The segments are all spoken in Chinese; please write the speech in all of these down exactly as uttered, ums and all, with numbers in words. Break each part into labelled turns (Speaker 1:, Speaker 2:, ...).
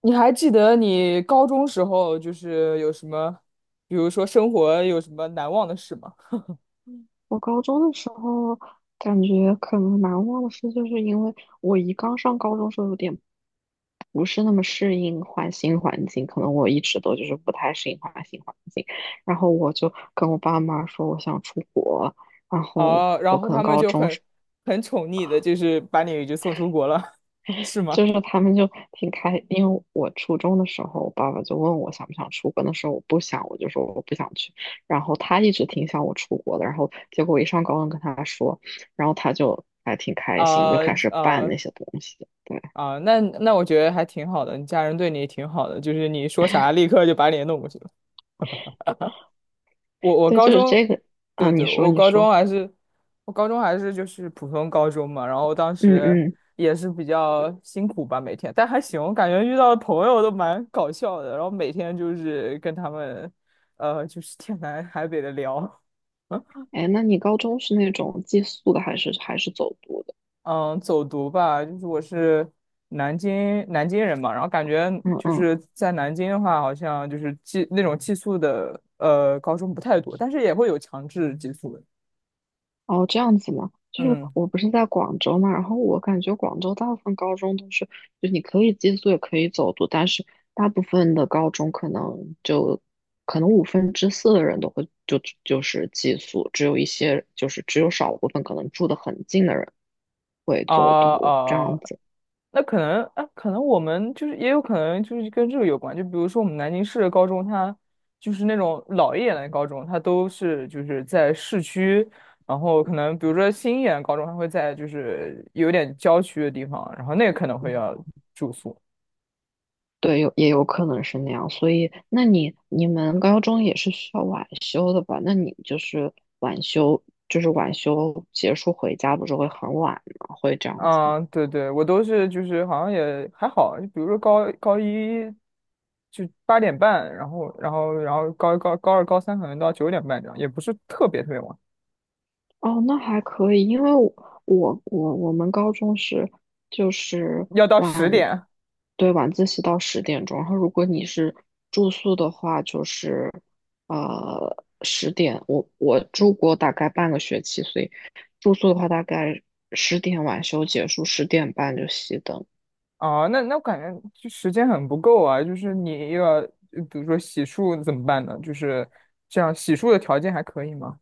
Speaker 1: 你还记得你高中时候就是有什么，比如说生活有什么难忘的事吗？
Speaker 2: 我高中的时候感觉可能难忘的事，就是因为我一刚上高中时候有点不是那么适应换新环境，可能我一直都就是不太适应换新环境，然后我就跟我爸妈说我想出国，然后
Speaker 1: 哦，
Speaker 2: 我
Speaker 1: 然后
Speaker 2: 可能
Speaker 1: 他们
Speaker 2: 高
Speaker 1: 就
Speaker 2: 中
Speaker 1: 很很宠溺的，就是把你就送出国了，是吗？
Speaker 2: 就是他们就挺开，因为我初中的时候，我爸爸就问我想不想出国，那时候我不想，我就说我不想去。然后他一直挺想我出国的，然后结果我一上高中跟他说，然后他就还挺开心，
Speaker 1: 啊
Speaker 2: 就开始办
Speaker 1: 啊
Speaker 2: 那些东西。对
Speaker 1: 啊！那那我觉得还挺好的，你家人对你挺好的，就是你说啥立刻就把你弄过去了。我我
Speaker 2: 对，
Speaker 1: 高
Speaker 2: 就是
Speaker 1: 中。
Speaker 2: 这个。啊，
Speaker 1: 对对，
Speaker 2: 你说
Speaker 1: 我
Speaker 2: 你
Speaker 1: 高中
Speaker 2: 说，
Speaker 1: 还是，我高中还是就是普通高中嘛，然后当
Speaker 2: 嗯
Speaker 1: 时
Speaker 2: 嗯，
Speaker 1: 也是比较辛苦吧，每天，但还行，我感觉遇到的朋友都蛮搞笑的，然后每天就是跟他们，呃，就是天南海北的聊，
Speaker 2: 哎，那你高中是那种寄宿的还是还是走读的？
Speaker 1: 嗯，走读吧，就是我是南京南京人嘛，然后感觉
Speaker 2: 嗯
Speaker 1: 就
Speaker 2: 嗯。
Speaker 1: 是在南京的话，好像就是寄那种寄宿的，呃，高中不太多，但是也会有强制寄宿的，
Speaker 2: 哦，这样子嘛，就是
Speaker 1: 嗯。
Speaker 2: 我不是在广州嘛，然后我感觉广州大部分高中都是，就你可以寄宿也可以走读，但是大部分的高中可能就可能五分之四的人都会就就是寄宿，只有一些就是只有少部分可能住得很近的人会
Speaker 1: 啊
Speaker 2: 走读这
Speaker 1: 啊。
Speaker 2: 样子。
Speaker 1: 那可能啊，可能我们就是也有可能就是跟这个有关，就比如说我们南京市的高中，它就是那种老一点的高中，它都是就是在市区，然后可能比如说新一点的高中，它会在就是有点郊区的地方，然后那个可能会要住宿。
Speaker 2: 对，有也有可能是那样，所以那你你们高中也是需要晚修的吧？那你就是晚修，就是晚修结束回家不是会很晚吗？会这样子吗？
Speaker 1: 嗯，对对，我都是就是好像也还好，就比如说高高一就八点半，然后然后然后高高高二高三可能到九点半这样，也不是特别特别晚，
Speaker 2: 哦，那还可以，因为我我我我们高中是就是
Speaker 1: 要到十点。
Speaker 2: 对，晚自习到十点钟，然后如果你是住宿的话，就是呃十点，我我住过大概半个学期，所以住宿的话大概十点晚修结束，十点半就熄灯。
Speaker 1: 哦，那那我感觉就时间很不够啊，就是你又要，呃比如说洗漱怎么办呢？就是这样，洗漱的条件还可以吗？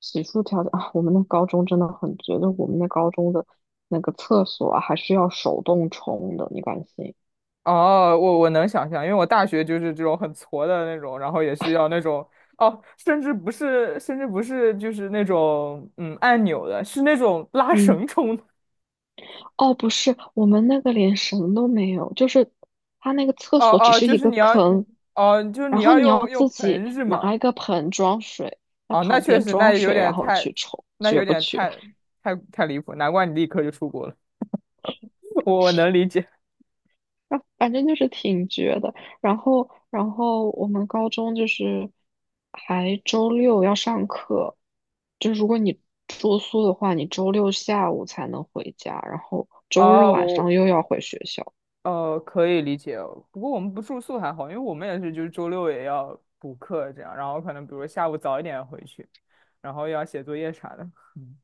Speaker 2: 洗漱条件啊，我们那高中真的很绝，就我们那高中的那个厕所啊还是要手动冲的，你敢信？
Speaker 1: 哦，我我能想象，因为我大学就是这种很挫的那种，然后也是要那种，哦，甚至不是，甚至不是就是那种嗯按钮的，是那种拉
Speaker 2: 嗯，
Speaker 1: 绳冲的。
Speaker 2: 哦，不是，我们那个连绳都没有，就是它那个厕
Speaker 1: 哦
Speaker 2: 所只
Speaker 1: 哦，
Speaker 2: 是
Speaker 1: 就
Speaker 2: 一
Speaker 1: 是
Speaker 2: 个
Speaker 1: 你要，
Speaker 2: 坑，
Speaker 1: 哦，就是你
Speaker 2: 然后
Speaker 1: 要
Speaker 2: 你要
Speaker 1: 用用
Speaker 2: 自己
Speaker 1: 盆是
Speaker 2: 拿一
Speaker 1: 吗？
Speaker 2: 个盆装水，在
Speaker 1: 哦，那
Speaker 2: 旁
Speaker 1: 确
Speaker 2: 边
Speaker 1: 实，那
Speaker 2: 装
Speaker 1: 有
Speaker 2: 水，然
Speaker 1: 点
Speaker 2: 后
Speaker 1: 太，
Speaker 2: 去抽，
Speaker 1: 那
Speaker 2: 绝
Speaker 1: 有
Speaker 2: 不
Speaker 1: 点
Speaker 2: 绝？
Speaker 1: 太太太离谱，难怪你立刻就出国了，我我能理解。
Speaker 2: 那反正就是挺绝的。然后，然后我们高中就是还周六要上课，就如果你住宿的话，你周六下午才能回家，然后周日
Speaker 1: 啊，
Speaker 2: 晚
Speaker 1: 我
Speaker 2: 上又要回学校。
Speaker 1: 呃可以理解哦，不过我们不住宿还好，因为我们也是就是周六也要补课这样，然后可能比如下午早一点回去，然后又要写作业啥的。嗯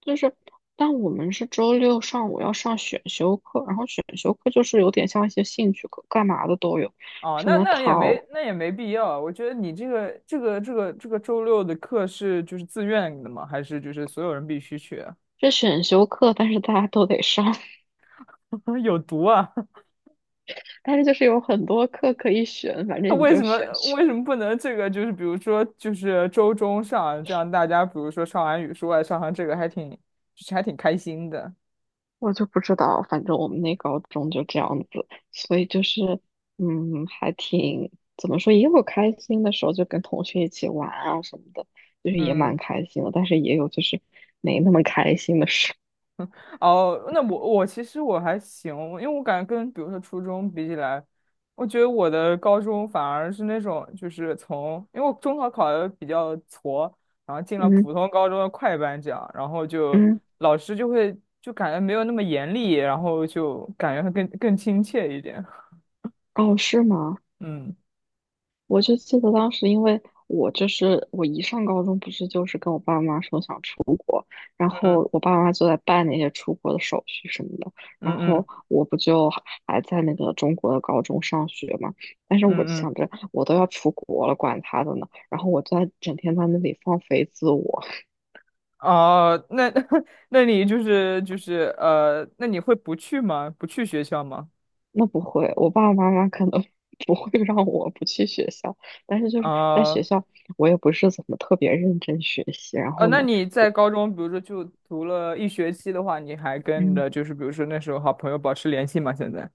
Speaker 2: 就是，但我们是周六上午要上选修课，然后选修课就是有点像一些兴趣课，干嘛的都有。
Speaker 1: 哦
Speaker 2: 什
Speaker 1: 那
Speaker 2: 么
Speaker 1: 那也没
Speaker 2: 陶
Speaker 1: 那也没必要，我觉得你这个这个这个这个周六的课是就是自愿的吗？还是就是所有人必须去啊
Speaker 2: 这选修课，但是大家都得上，
Speaker 1: 有毒啊！
Speaker 2: 但是就是有很多课可以选，反正你
Speaker 1: 为什
Speaker 2: 就
Speaker 1: 么
Speaker 2: 选选。
Speaker 1: 为什么不能这个就是比如说就是周中上，这样大家比如说上完语数外上完这个还挺就是还挺开心的，
Speaker 2: 我就不知道，反正我们那高中就这样子，所以就是，嗯，还挺，怎么说，也有开心的时候，就跟同学一起玩啊什么的，就是也
Speaker 1: 嗯。
Speaker 2: 蛮开心的，但是也有就是没那么开心的事。
Speaker 1: 哦，那我我其实我还行，因为我感觉跟比如说初中比起来，我觉得我的高中反而是那种就是从，因为我中考考的比较挫，然后进了
Speaker 2: 嗯
Speaker 1: 普通高中的快班这样，然后就
Speaker 2: 嗯，
Speaker 1: 老师就会就感觉没有那么严厉，然后就感觉会更更亲切一点。
Speaker 2: 哦，是吗？
Speaker 1: 嗯
Speaker 2: 我就记得当时，因为我就是我一上高中，不是就是跟我爸妈说想出国，然
Speaker 1: 嗯
Speaker 2: 后我爸妈就在办那些出国的手续什么的，然
Speaker 1: 嗯
Speaker 2: 后
Speaker 1: 嗯
Speaker 2: 我不就还还在那个中国的高中上学嘛，但是我
Speaker 1: 嗯嗯。
Speaker 2: 想着我都要出国了，管他的呢，然后我在整天在那里放飞自我，
Speaker 1: 哦，那 那你就是就是呃，那你会不去吗？不去学校吗？
Speaker 2: 那不会，我爸爸妈妈可能 不会让我不去学校，但是就是在学
Speaker 1: 啊、
Speaker 2: 校我也不是怎么特别认真学习，然
Speaker 1: 呃，
Speaker 2: 后
Speaker 1: 那
Speaker 2: 呢。
Speaker 1: 你在高中，比如说就读了一学期的话，你还跟
Speaker 2: 嗯
Speaker 1: 着就是比如说那时候好朋友保持联系吗？现在？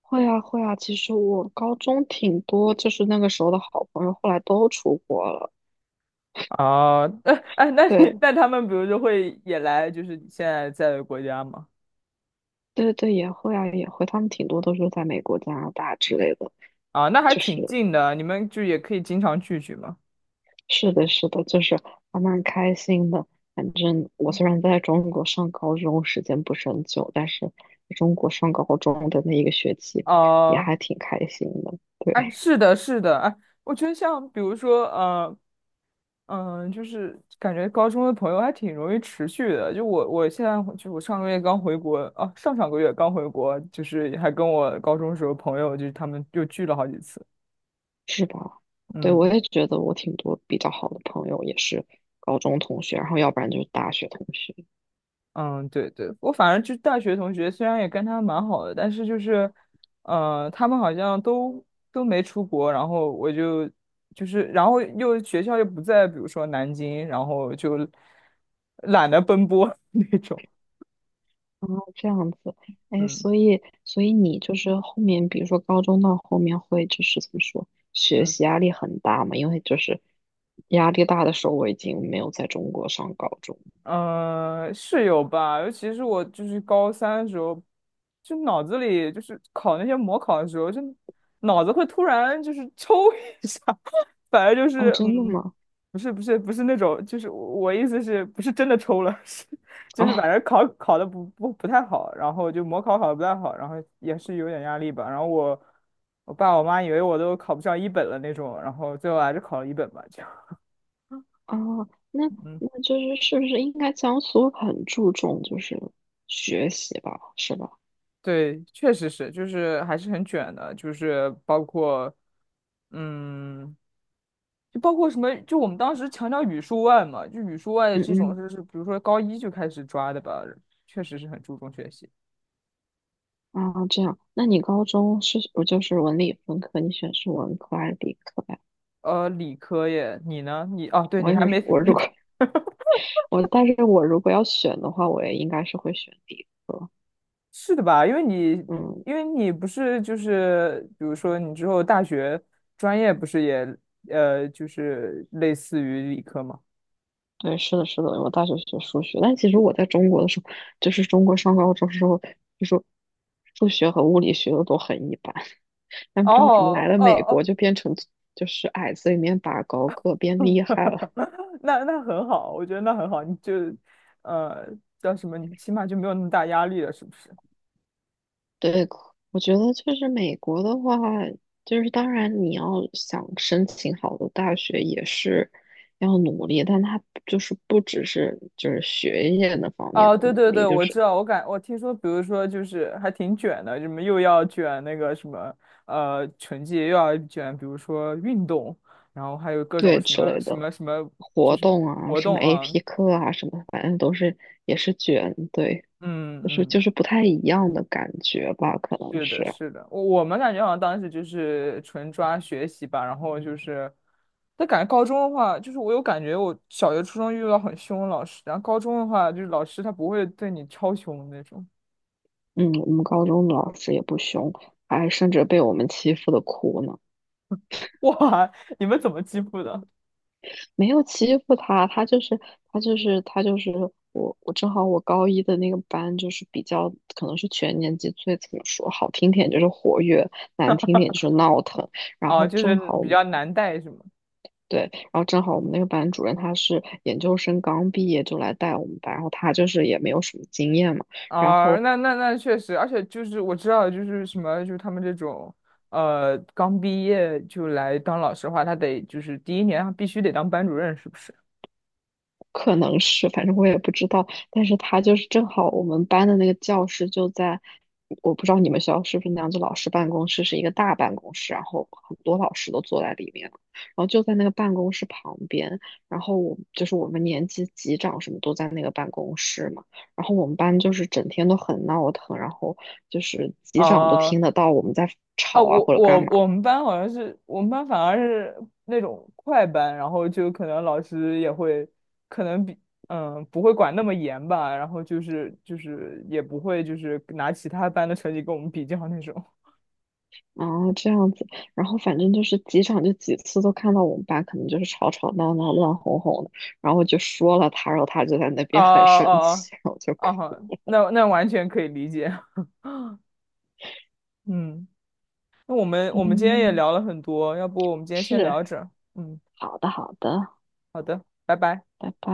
Speaker 2: 会啊会啊，其实我高中挺多，就是那个时候的好朋友，后来都出国了。
Speaker 1: 啊，哎哎，那你
Speaker 2: 对
Speaker 1: 那他们比如说会也来就是你现在在的国家吗？
Speaker 2: 对对，也会啊也会，他们挺多都是在美国、加拿大之类的。
Speaker 1: 啊，那还
Speaker 2: 就
Speaker 1: 挺
Speaker 2: 是
Speaker 1: 近的，你们就也可以经常聚聚嘛。
Speaker 2: 是的是的，就是还蛮开心的。反正我虽然在中国上高中时间不是很久，但是在中国上高中的那一个学期也
Speaker 1: 啊，
Speaker 2: 还挺开心的。对，
Speaker 1: 哎，是的，是的，哎，我觉得像比如说，呃，嗯、就是感觉高中的朋友还挺容易持续的。就我，我现在就我上个月刚回国，啊，上上个月刚回国，就是还跟我高中时候朋友，就是他们又聚了好几次。
Speaker 2: 是吧？对，我
Speaker 1: 嗯
Speaker 2: 也觉得我挺多比较好的朋友也是高中同学，然后要不然就是大学同学。
Speaker 1: 嗯，对对，我反正就大学同学，虽然也跟他蛮好的，但是就是，呃，他们好像都都没出国，然后我就就是，然后又学校又不在，比如说南京，然后就懒得奔波 那种。
Speaker 2: 哦，这样子，哎，
Speaker 1: 嗯
Speaker 2: 所以，所以你就是后面，比如说高中到后面会就是怎么说，学
Speaker 1: 嗯。
Speaker 2: 习压力很大嘛？因为就是压力大的时候，我已经没有在中国上高中了。
Speaker 1: 嗯，是有吧，尤其是我就是高三的时候，就脑子里就是考那些模考的时候，就脑子会突然就是抽 一下，反正就
Speaker 2: 哦，
Speaker 1: 是
Speaker 2: 真的
Speaker 1: 嗯，
Speaker 2: 吗？
Speaker 1: 不是不是不是那种，就是我我意思是不是真的抽了，是就是反
Speaker 2: 哦，
Speaker 1: 正考考的不不不太好，然后就模考考的不太好，然后也是有点压力吧，然后我我爸我妈以为我都考不上一本了那种，然后最后还是考了一本吧，这样。
Speaker 2: 哦，那
Speaker 1: 嗯
Speaker 2: 那就是是不是应该江苏很注重就是学习吧？是吧？
Speaker 1: 对，确实是，就是还是很卷的，就是包括，嗯，就包括什么，就我们当时强调语数外嘛，就语数外
Speaker 2: 嗯
Speaker 1: 这种，
Speaker 2: 嗯，
Speaker 1: 就是比如说高一就开始抓的吧，确实是很注重学习。
Speaker 2: 啊，这样，那你高中是不就是文理分科？你选是文科还是理科呀？
Speaker 1: 呃，理科耶，你呢？你哦，对，
Speaker 2: 我
Speaker 1: 你
Speaker 2: 也
Speaker 1: 还
Speaker 2: 是，
Speaker 1: 没，
Speaker 2: 我
Speaker 1: 你
Speaker 2: 如果
Speaker 1: 的
Speaker 2: 我但是我如果要选的话，我也应该是会选理科。
Speaker 1: 是的吧？因为你，
Speaker 2: 嗯，
Speaker 1: 因为你不是就是，比如说你之后大学专业不是也，呃，就是类似于理科吗？
Speaker 2: 对，是的，是的，我大学学数学，但其实我在中国的时候，就是中国上高中时候，就是数学和物理学的都很一般，但不知道怎么来
Speaker 1: 哦，哦
Speaker 2: 了美国
Speaker 1: 哦
Speaker 2: 就变成就是矮子里面拔高个，变厉害了。
Speaker 1: 那那很好，我觉得那很好，你就呃叫什么，你起码就没有那么大压力了，是不是？
Speaker 2: 对，我觉得就是美国的话，就是当然你要想申请好的大学也是要努力，但它就是不只是就是学业那方面
Speaker 1: 哦，
Speaker 2: 的
Speaker 1: 对
Speaker 2: 努
Speaker 1: 对
Speaker 2: 力，
Speaker 1: 对，
Speaker 2: 就
Speaker 1: 我
Speaker 2: 是
Speaker 1: 知道，我感我听说，比如说就是还挺卷的，什么又要卷那个什么呃成绩，又要卷，比如说运动，然后还有各种
Speaker 2: 对
Speaker 1: 什
Speaker 2: 之
Speaker 1: 么
Speaker 2: 类
Speaker 1: 什
Speaker 2: 的
Speaker 1: 么什么，就
Speaker 2: 活
Speaker 1: 是
Speaker 2: 动啊，
Speaker 1: 活
Speaker 2: 什么
Speaker 1: 动啊，
Speaker 2: A P 课啊，什么反正都是也是卷，对，就是
Speaker 1: 嗯
Speaker 2: 就
Speaker 1: 嗯，
Speaker 2: 是不太一样的感觉吧，可能
Speaker 1: 是的，
Speaker 2: 是，
Speaker 1: 是的，我我们感觉好像当时就是纯抓学习吧，然后就是，但感觉高中的话，就是我有感觉，我小学、初中遇到很凶的老师，然后高中的话，就是老师他不会对你超凶的那种。
Speaker 2: 嗯，我们高中的老师也不凶，还甚至被我们欺负的哭呢。
Speaker 1: 哇，你们怎么欺负的？
Speaker 2: 没有欺负他，他就是他就是他就是我我正好我高一的那个班就是比较可能是全年级最怎么说好听点就是活跃，难听点就是闹腾。然
Speaker 1: 啊，
Speaker 2: 后
Speaker 1: 就
Speaker 2: 正
Speaker 1: 是
Speaker 2: 好我
Speaker 1: 比
Speaker 2: 们
Speaker 1: 较难带是吗？
Speaker 2: 对，然后正好我们那个班主任他是研究生刚毕业就来带我们班，然后他就是也没有什么经验嘛，然
Speaker 1: 啊、
Speaker 2: 后
Speaker 1: 那那那确实，而且就是我知道，就是什么，就是他们这种，呃，刚毕业就来当老师的话，他得就是第一年他必须得当班主任，是不是？
Speaker 2: 可能是，反正我也不知道。但是他就是正好我们班的那个教室就在，我不知道你们学校是不是那样，子，老师办公室是一个大办公室，然后很多老师都坐在里面了然后就在那个办公室旁边，然后我就是我们年级级长什么都在那个办公室嘛，然后我们班就是整天都很闹腾，然后就是级长都
Speaker 1: 啊。
Speaker 2: 听得到我们在
Speaker 1: 啊，
Speaker 2: 吵啊
Speaker 1: 我
Speaker 2: 或者干
Speaker 1: 我
Speaker 2: 嘛。
Speaker 1: 我们班好像是我们班反而是那种快班，然后就可能老师也会，可能比嗯不会管那么严吧，然后就是就是也不会就是拿其他班的成绩跟我们比较那种。
Speaker 2: 哦，这样子，然后反正就是几场，就几次都看到我们班可能就是吵吵闹闹、乱哄哄的，然后我就说了他，然后他就在那
Speaker 1: 哦
Speaker 2: 边很生
Speaker 1: 哦哦，
Speaker 2: 气，然后我就哭。
Speaker 1: 啊哈，那那完全可以理解。嗯，那我们我们今天也
Speaker 2: 嗯，
Speaker 1: 聊了很多，要不我们今天先
Speaker 2: 是，
Speaker 1: 聊着。嗯，
Speaker 2: 好的，好的，
Speaker 1: 好的，拜拜。
Speaker 2: 拜拜。